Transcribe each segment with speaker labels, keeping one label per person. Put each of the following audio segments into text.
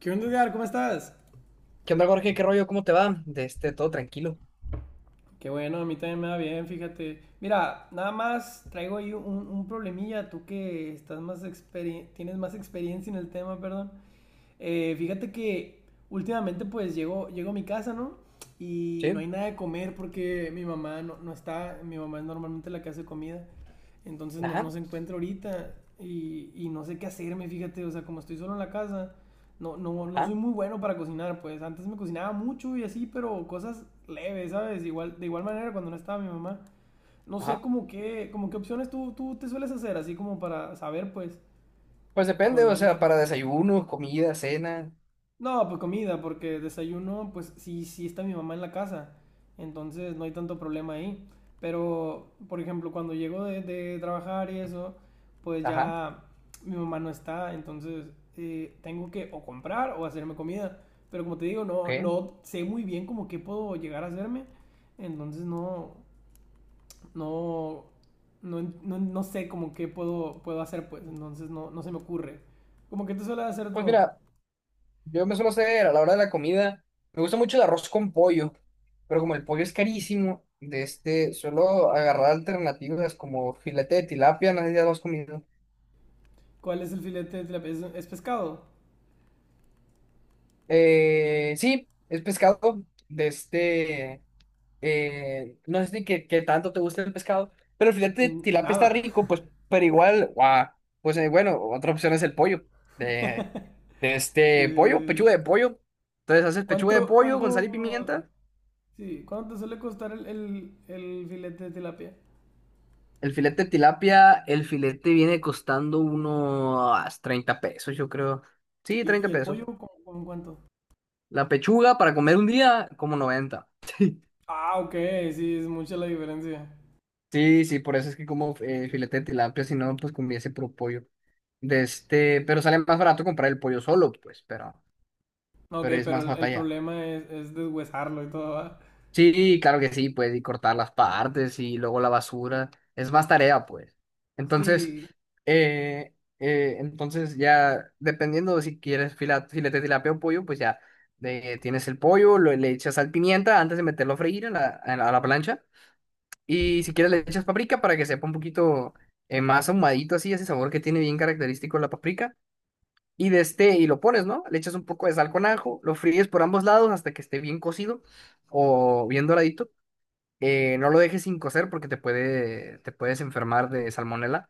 Speaker 1: ¿Qué onda, Edgar? ¿Cómo estás?
Speaker 2: ¿Qué onda, Jorge? ¿Qué rollo? ¿Cómo te va? De este, todo tranquilo.
Speaker 1: Qué bueno, a mí también me va bien, fíjate. Mira, nada más traigo ahí un problemilla, tú que estás más tienes más experiencia en el tema, perdón. Fíjate que últimamente pues llego a mi casa, ¿no? Y no
Speaker 2: Sí.
Speaker 1: hay nada de comer porque mi mamá no está, mi mamá es normalmente la que hace comida, entonces no
Speaker 2: Ajá,
Speaker 1: se encuentra ahorita y no sé qué hacerme, fíjate, o sea, como estoy solo en la casa, no, no, no soy
Speaker 2: ajá,
Speaker 1: muy bueno para cocinar, pues antes me cocinaba mucho y así, pero cosas leves, ¿sabes? Igual, de igual manera cuando no estaba mi mamá. No sé
Speaker 2: ajá.
Speaker 1: como qué opciones tú te sueles hacer, así como para saber, pues,
Speaker 2: Pues
Speaker 1: y
Speaker 2: depende, o
Speaker 1: ponerlas
Speaker 2: sea, para
Speaker 1: también.
Speaker 2: desayuno, comida, cena.
Speaker 1: No, pues comida, porque desayuno, pues sí, sí está mi mamá en la casa, entonces no hay tanto problema ahí. Pero, por ejemplo, cuando llego de trabajar y eso, pues
Speaker 2: Ajá,
Speaker 1: ya mi mamá no está, entonces tengo que o comprar o hacerme comida. Pero como te digo,
Speaker 2: ok.
Speaker 1: no sé muy bien como qué puedo llegar a hacerme, entonces no, no, no, no, no sé como qué puedo hacer, pues, entonces no se me ocurre. ¿Cómo que tú sueles hacer
Speaker 2: Pues
Speaker 1: tú?
Speaker 2: mira, yo me suelo hacer a la hora de la comida. Me gusta mucho el arroz con pollo, pero como el pollo es carísimo, de este, suelo agarrar alternativas como filete de tilapia, no sé si ya lo has comido.
Speaker 1: ¿Cuál es el filete de tilapia? Es pescado?
Speaker 2: Sí, es pescado, de este. No sé si qué, qué tanto te gusta el pescado, pero el filete de
Speaker 1: N-
Speaker 2: tilapia está
Speaker 1: Nada.
Speaker 2: rico, pues, pero igual, guau, pues bueno, otra opción es el pollo, de, de
Speaker 1: Sí, sí,
Speaker 2: este pollo,
Speaker 1: sí, sí.
Speaker 2: pechuga de pollo. Entonces haces pechuga de
Speaker 1: ¿Cuánto,
Speaker 2: pollo con sal y
Speaker 1: cuánto,
Speaker 2: pimienta.
Speaker 1: sí, cuánto te suele costar el, el filete de tilapia?
Speaker 2: El filete de tilapia, el filete viene costando unos 30 pesos, yo creo. Sí,
Speaker 1: Y
Speaker 2: 30
Speaker 1: el pollo,
Speaker 2: pesos.
Speaker 1: cómo, cómo cuánto?
Speaker 2: La pechuga para comer un día, como 90.
Speaker 1: Ah, ok, sí, es mucha la diferencia.
Speaker 2: Sí, sí, por eso es que como filete de tilapia, si no, pues ese puro pollo. De este, pero sale más barato comprar el pollo solo, pues,
Speaker 1: Ok,
Speaker 2: pero es
Speaker 1: pero
Speaker 2: más
Speaker 1: el
Speaker 2: batalla.
Speaker 1: problema es deshuesarlo y todo, ¿va?
Speaker 2: Sí, claro que sí, pues, y cortar las partes y luego la basura. Es más tarea, pues. Entonces,
Speaker 1: Sí,
Speaker 2: eh, entonces ya, dependiendo de si quieres filete de tilapia o pollo, pues ya tienes el pollo, le echas sal pimienta antes de meterlo a freír a en a la plancha. Y si quieres le echas paprika para que sepa un poquito más ahumadito así, ese sabor que tiene bien característico la paprika. Y de este, y lo pones, ¿no? Le echas un poco de sal con ajo, lo fríes por ambos lados hasta que esté bien cocido o bien doradito. No lo dejes sin cocer porque te puedes enfermar de salmonela.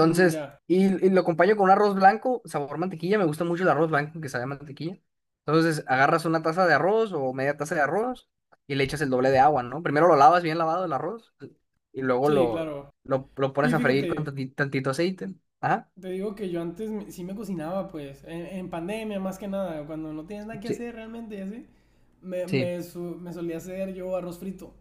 Speaker 1: mm, ya.
Speaker 2: y lo acompaño con un arroz blanco, sabor mantequilla. Me gusta mucho el arroz blanco que sabe a mantequilla. Entonces, agarras una taza de arroz o media taza de arroz y le echas el doble de agua, ¿no? Primero lo lavas bien lavado el arroz y
Speaker 1: Sí, claro.
Speaker 2: lo pones
Speaker 1: Sí,
Speaker 2: a freír con
Speaker 1: fíjate,
Speaker 2: tantito, aceite. Ajá.
Speaker 1: te digo que yo antes sí me cocinaba, pues, en pandemia más que nada, cuando no tienes nada que
Speaker 2: Sí,
Speaker 1: hacer realmente y así,
Speaker 2: sí.
Speaker 1: me solía hacer yo arroz frito.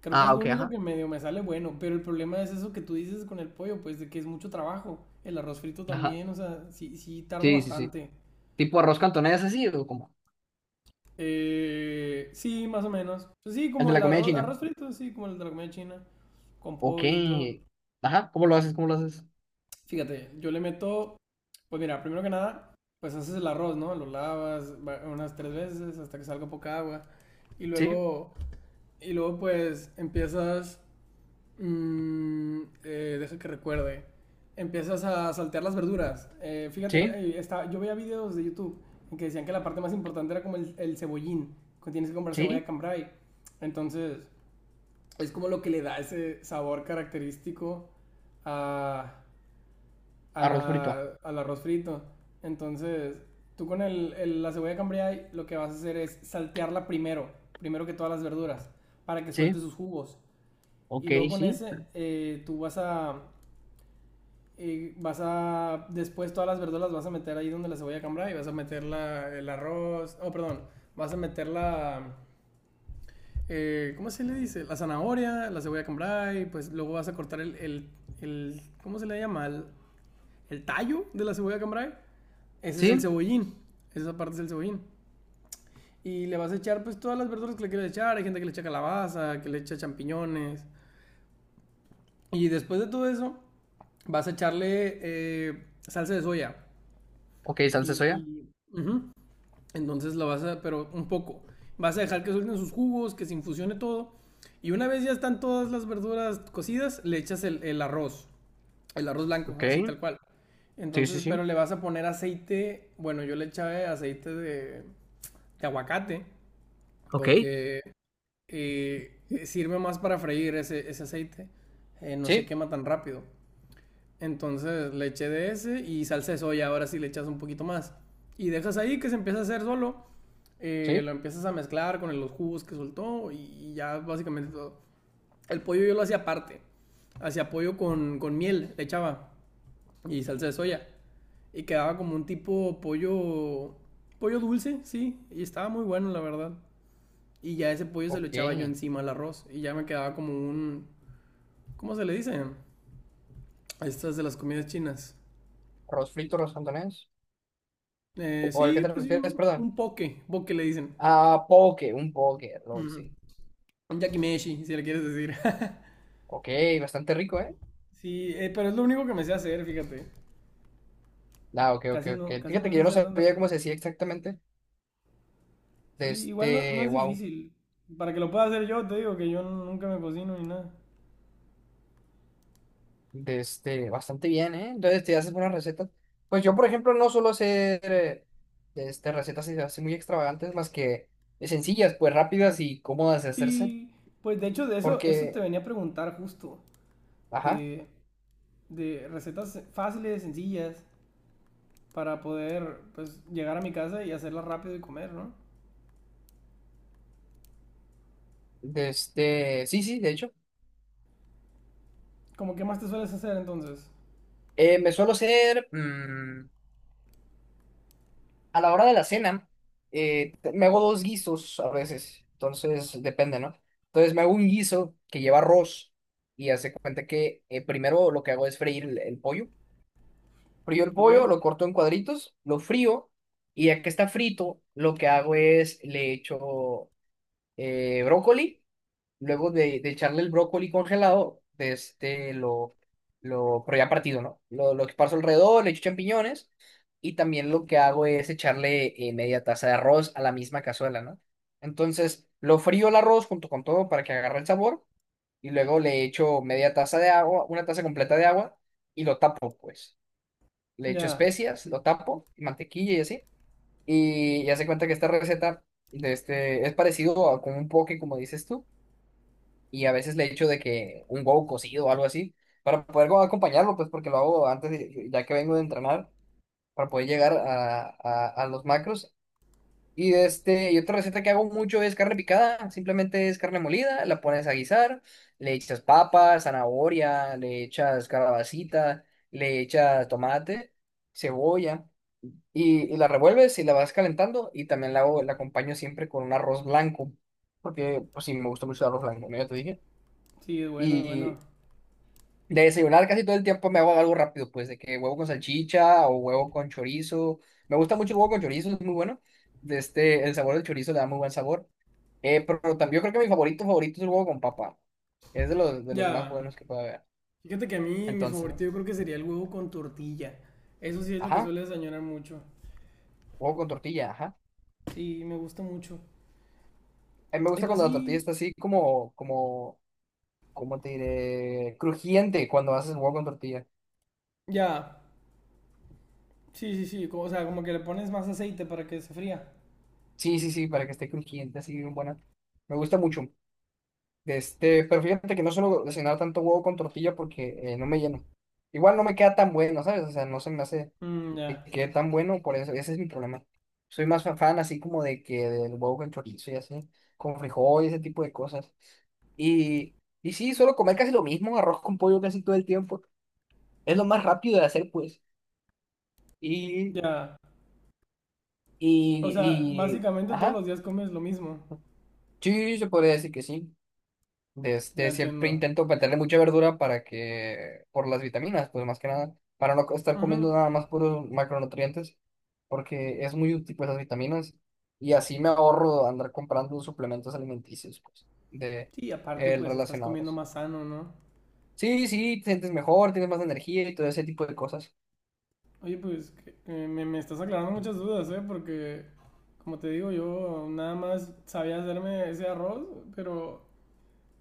Speaker 1: Creo que es
Speaker 2: Ah,
Speaker 1: lo
Speaker 2: ok,
Speaker 1: único
Speaker 2: ajá.
Speaker 1: que medio me sale bueno, pero el problema es eso que tú dices con el pollo, pues, de que es mucho trabajo. El arroz frito
Speaker 2: Ajá.
Speaker 1: también, o sea, sí, sí tardo
Speaker 2: Sí, sí, sí.
Speaker 1: bastante.
Speaker 2: Tipo arroz cantonés así o como
Speaker 1: Sí, más o menos. Pues sí,
Speaker 2: el
Speaker 1: como
Speaker 2: de
Speaker 1: el
Speaker 2: la comida
Speaker 1: arroz,
Speaker 2: china.
Speaker 1: arroz frito, sí, como el de la comida china, con
Speaker 2: Ok.
Speaker 1: pollo y todo.
Speaker 2: Ajá. ¿Cómo lo haces? ¿Cómo lo haces?
Speaker 1: Fíjate, yo le meto, pues mira, primero que nada, pues haces el arroz, ¿no? Lo unas 3 veces hasta que salga poca agua. Y
Speaker 2: Sí,
Speaker 1: luego, y luego pues empiezas, deja que recuerde, empiezas a saltear las verduras. Fíjate,
Speaker 2: sí,
Speaker 1: ahí está, yo veía videos de YouTube en que decían que la parte más importante era como el cebollín, que tienes que comprar cebolla
Speaker 2: sí.
Speaker 1: cambrai. Entonces, es como lo que le da ese sabor característico a a
Speaker 2: Arroz frito.
Speaker 1: la, al arroz frito. Entonces, tú con el, la cebolla cambray lo que vas a hacer es saltearla primero, primero que todas las verduras, para que suelte
Speaker 2: Sí.
Speaker 1: sus jugos. Y
Speaker 2: Ok,
Speaker 1: luego con
Speaker 2: sí.
Speaker 1: ese, vas a, después todas las verduras las vas a meter ahí donde la cebolla cambray y vas a meter la, el arroz, oh, perdón, vas a meter la, ¿cómo se le dice? La zanahoria, la cebolla cambray, pues luego vas a cortar el, ¿cómo se le llama? El tallo de la cebolla cambray. Ese es el
Speaker 2: Sí,
Speaker 1: cebollín. Esa parte es el cebollín. Y le vas a echar pues todas las verduras que le quieras echar. Hay gente que le echa calabaza, que le echa champiñones. Y después de todo eso, vas a echarle salsa de soya.
Speaker 2: ok, salsa de
Speaker 1: Y,
Speaker 2: soya.
Speaker 1: y ujú, entonces lo vas a, pero un poco. Vas a dejar que suelten sus jugos, que se infusione todo. Y una vez ya están todas las verduras cocidas, le echas el arroz. El arroz blanco, así
Speaker 2: Ok.
Speaker 1: tal cual.
Speaker 2: Sí, sí,
Speaker 1: Entonces, pero
Speaker 2: sí.
Speaker 1: le vas a poner aceite, bueno, yo le echaba aceite de aguacate,
Speaker 2: Ok,
Speaker 1: porque eh, sirve más para freír ese, ese aceite, no se
Speaker 2: sí,
Speaker 1: quema tan rápido. Entonces le eché de ese y salsa de soya, ahora sí le echas un poquito más. Y dejas ahí que se empieza a hacer solo,
Speaker 2: sí.
Speaker 1: lo empiezas a mezclar con los jugos que soltó y ya básicamente todo. El pollo yo lo hacía aparte, hacía pollo con miel, le echaba y salsa de soya. Y quedaba como un tipo pollo, pollo dulce, sí, y estaba muy bueno, la verdad. Y ya ese pollo se lo
Speaker 2: Ok.
Speaker 1: echaba yo encima al arroz y ya me quedaba como un, ¿cómo se le dice? Estas de las comidas chinas.
Speaker 2: Arroz frito, arroz cantonés. ¿O al que
Speaker 1: Sí,
Speaker 2: te
Speaker 1: pues sí,
Speaker 2: refieres? Perdón.
Speaker 1: un poke, poke le dicen.
Speaker 2: Ah, poke, un poke, rol,
Speaker 1: Ujú.
Speaker 2: sí.
Speaker 1: Un yakimeshi, si le quieres decir.
Speaker 2: Ok, bastante rico, ¿eh?
Speaker 1: Sí, pero es lo único que me sé hacer, fíjate.
Speaker 2: Ah, ok, ok, ok.
Speaker 1: Casi
Speaker 2: Fíjate
Speaker 1: no
Speaker 2: que
Speaker 1: sé
Speaker 2: yo no
Speaker 1: hacer tantas
Speaker 2: sabía cómo
Speaker 1: cosas.
Speaker 2: se decía exactamente.
Speaker 1: Sí,
Speaker 2: De
Speaker 1: igual no
Speaker 2: este,
Speaker 1: es
Speaker 2: wow.
Speaker 1: difícil. Para que lo pueda hacer yo, te digo que yo nunca me cocino ni nada.
Speaker 2: De este, bastante bien, ¿eh? Entonces te haces buenas recetas. Pues yo, por ejemplo, no suelo hacer de este, recetas así así muy extravagantes, más que sencillas, pues rápidas y cómodas de hacerse.
Speaker 1: Sí, pues de hecho de eso, eso te
Speaker 2: Porque,
Speaker 1: venía a preguntar justo,
Speaker 2: ajá.
Speaker 1: de, de recetas fáciles, sencillas, para poder pues llegar a mi casa y hacerlas rápido y comer, ¿no?
Speaker 2: De este, sí, sí, de hecho.
Speaker 1: Como qué más te sueles hacer entonces?
Speaker 2: Me suelo hacer, a la hora de la cena, me hago dos guisos a veces, entonces depende, ¿no? Entonces me hago un guiso que lleva arroz y hace cuenta que primero lo que hago es freír el pollo. Frío el
Speaker 1: ¿Ok?
Speaker 2: pollo, lo corto en cuadritos, lo frío y ya que está frito, lo que hago es le echo brócoli. Luego de echarle el brócoli congelado, de este pero ya partido, ¿no? Lo esparzo alrededor, le echo champiñones y también lo que hago es echarle media taza de arroz a la misma cazuela, ¿no? Entonces, lo frío el arroz junto con todo para que agarre el sabor y luego le echo media taza de agua, una taza completa de agua y lo tapo, pues. Le echo
Speaker 1: Ya,
Speaker 2: especias, lo tapo, mantequilla y así. Y ya se cuenta que esta receta de este, es parecido a como un poke, como dices tú y a veces le echo de que un huevo cocido o algo así, para poder como acompañarlo, pues porque lo hago antes, de- ya que vengo de entrenar, para poder llegar a los macros. Y, este, y otra receta que hago mucho es carne picada, simplemente es carne molida, la pones a guisar, le echas papas, zanahoria, le echas calabacita, le echas tomate, cebolla, y la revuelves y la vas calentando y también la acompaño siempre con un arroz blanco, porque pues sí, me gusta mucho el arroz blanco, ¿no? Ya te
Speaker 1: sí, es bueno, es bueno.
Speaker 2: dije. De desayunar casi todo el tiempo me hago algo rápido, pues de que huevo con salchicha o huevo con chorizo. Me gusta mucho el huevo con chorizo, es muy bueno. De este, el sabor del chorizo le da muy buen sabor. Pero también yo creo que mi favorito favorito es el huevo con papa. Es de de los más
Speaker 1: Ya,
Speaker 2: buenos que puede haber.
Speaker 1: fíjate que a mí mi favorito
Speaker 2: Entonces,
Speaker 1: yo creo que sería el huevo con tortilla. Eso sí es lo que
Speaker 2: ajá,
Speaker 1: sueles añorar mucho.
Speaker 2: huevo con tortilla, ajá.
Speaker 1: Sí, me gusta mucho.
Speaker 2: A mí me
Speaker 1: Y
Speaker 2: gusta
Speaker 1: pues
Speaker 2: cuando la tortilla
Speaker 1: sí,
Speaker 2: está así como, ¿cómo te diré? Crujiente cuando haces huevo con tortilla.
Speaker 1: ya, sí, sí, sí, como, o sea, como que le pones más aceite para que se fría.
Speaker 2: Sí, sí, sí, para que esté crujiente, así bien buena. Me gusta mucho. De este, pero fíjate que no suelo cocinar tanto huevo con tortilla porque no me lleno. Igual no me queda tan bueno, ¿sabes? O sea, no se me hace
Speaker 1: Mm,
Speaker 2: que
Speaker 1: ya,
Speaker 2: quede tan bueno, por eso, ese es mi problema. Soy más fan así como de que del huevo con chorizo y así, con frijol y ese tipo de cosas. Y, y sí, suelo comer casi lo mismo, arroz con pollo casi todo el tiempo. Es lo más rápido de hacer, pues. Y,
Speaker 1: ya. O sea,
Speaker 2: y, y,
Speaker 1: básicamente todos
Speaker 2: ajá,
Speaker 1: los días comes lo mismo.
Speaker 2: sí, se podría decir que sí.
Speaker 1: Ya
Speaker 2: Este, siempre
Speaker 1: entiendo.
Speaker 2: intento meterle mucha verdura para que, por las vitaminas, pues más que nada, para no estar
Speaker 1: Ujú.
Speaker 2: comiendo nada más puros macronutrientes, porque es muy útil pues las vitaminas y así me ahorro andar comprando suplementos alimenticios, pues, de
Speaker 1: Sí, aparte
Speaker 2: el
Speaker 1: pues estás comiendo
Speaker 2: relacionados.
Speaker 1: más sano, ¿no?
Speaker 2: Sí, sí, te sientes mejor, tienes más energía y todo ese tipo de cosas.
Speaker 1: Oye, pues me estás aclarando muchas dudas, ¿eh? Porque, como te digo, yo nada más sabía hacerme ese arroz, pero,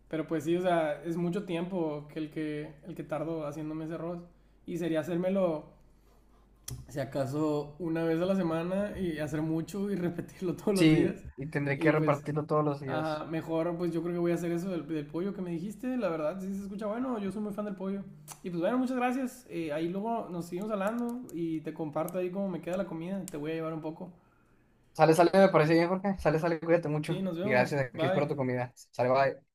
Speaker 1: pero pues sí, o sea, es mucho tiempo que el que, el que tardo haciéndome ese arroz. Y sería hacérmelo, si acaso, 1 vez a la semana y hacer mucho y repetirlo todos los
Speaker 2: Sí,
Speaker 1: días.
Speaker 2: y tendré
Speaker 1: Y
Speaker 2: que
Speaker 1: pues
Speaker 2: repartirlo todos los días.
Speaker 1: ajá, mejor, pues yo creo que voy a hacer eso del, del pollo que me dijiste. La verdad, sí se escucha bueno. Yo soy muy fan del pollo. Y pues bueno, muchas gracias. Ahí luego nos seguimos hablando y te comparto ahí cómo me queda la comida. Te voy a llevar un poco.
Speaker 2: Sale, sale, me parece bien, Jorge. Sale, sale, cuídate mucho.
Speaker 1: Sí, nos
Speaker 2: Y
Speaker 1: vemos.
Speaker 2: gracias, aquí
Speaker 1: Bye.
Speaker 2: espero tu comida. Sale, bye.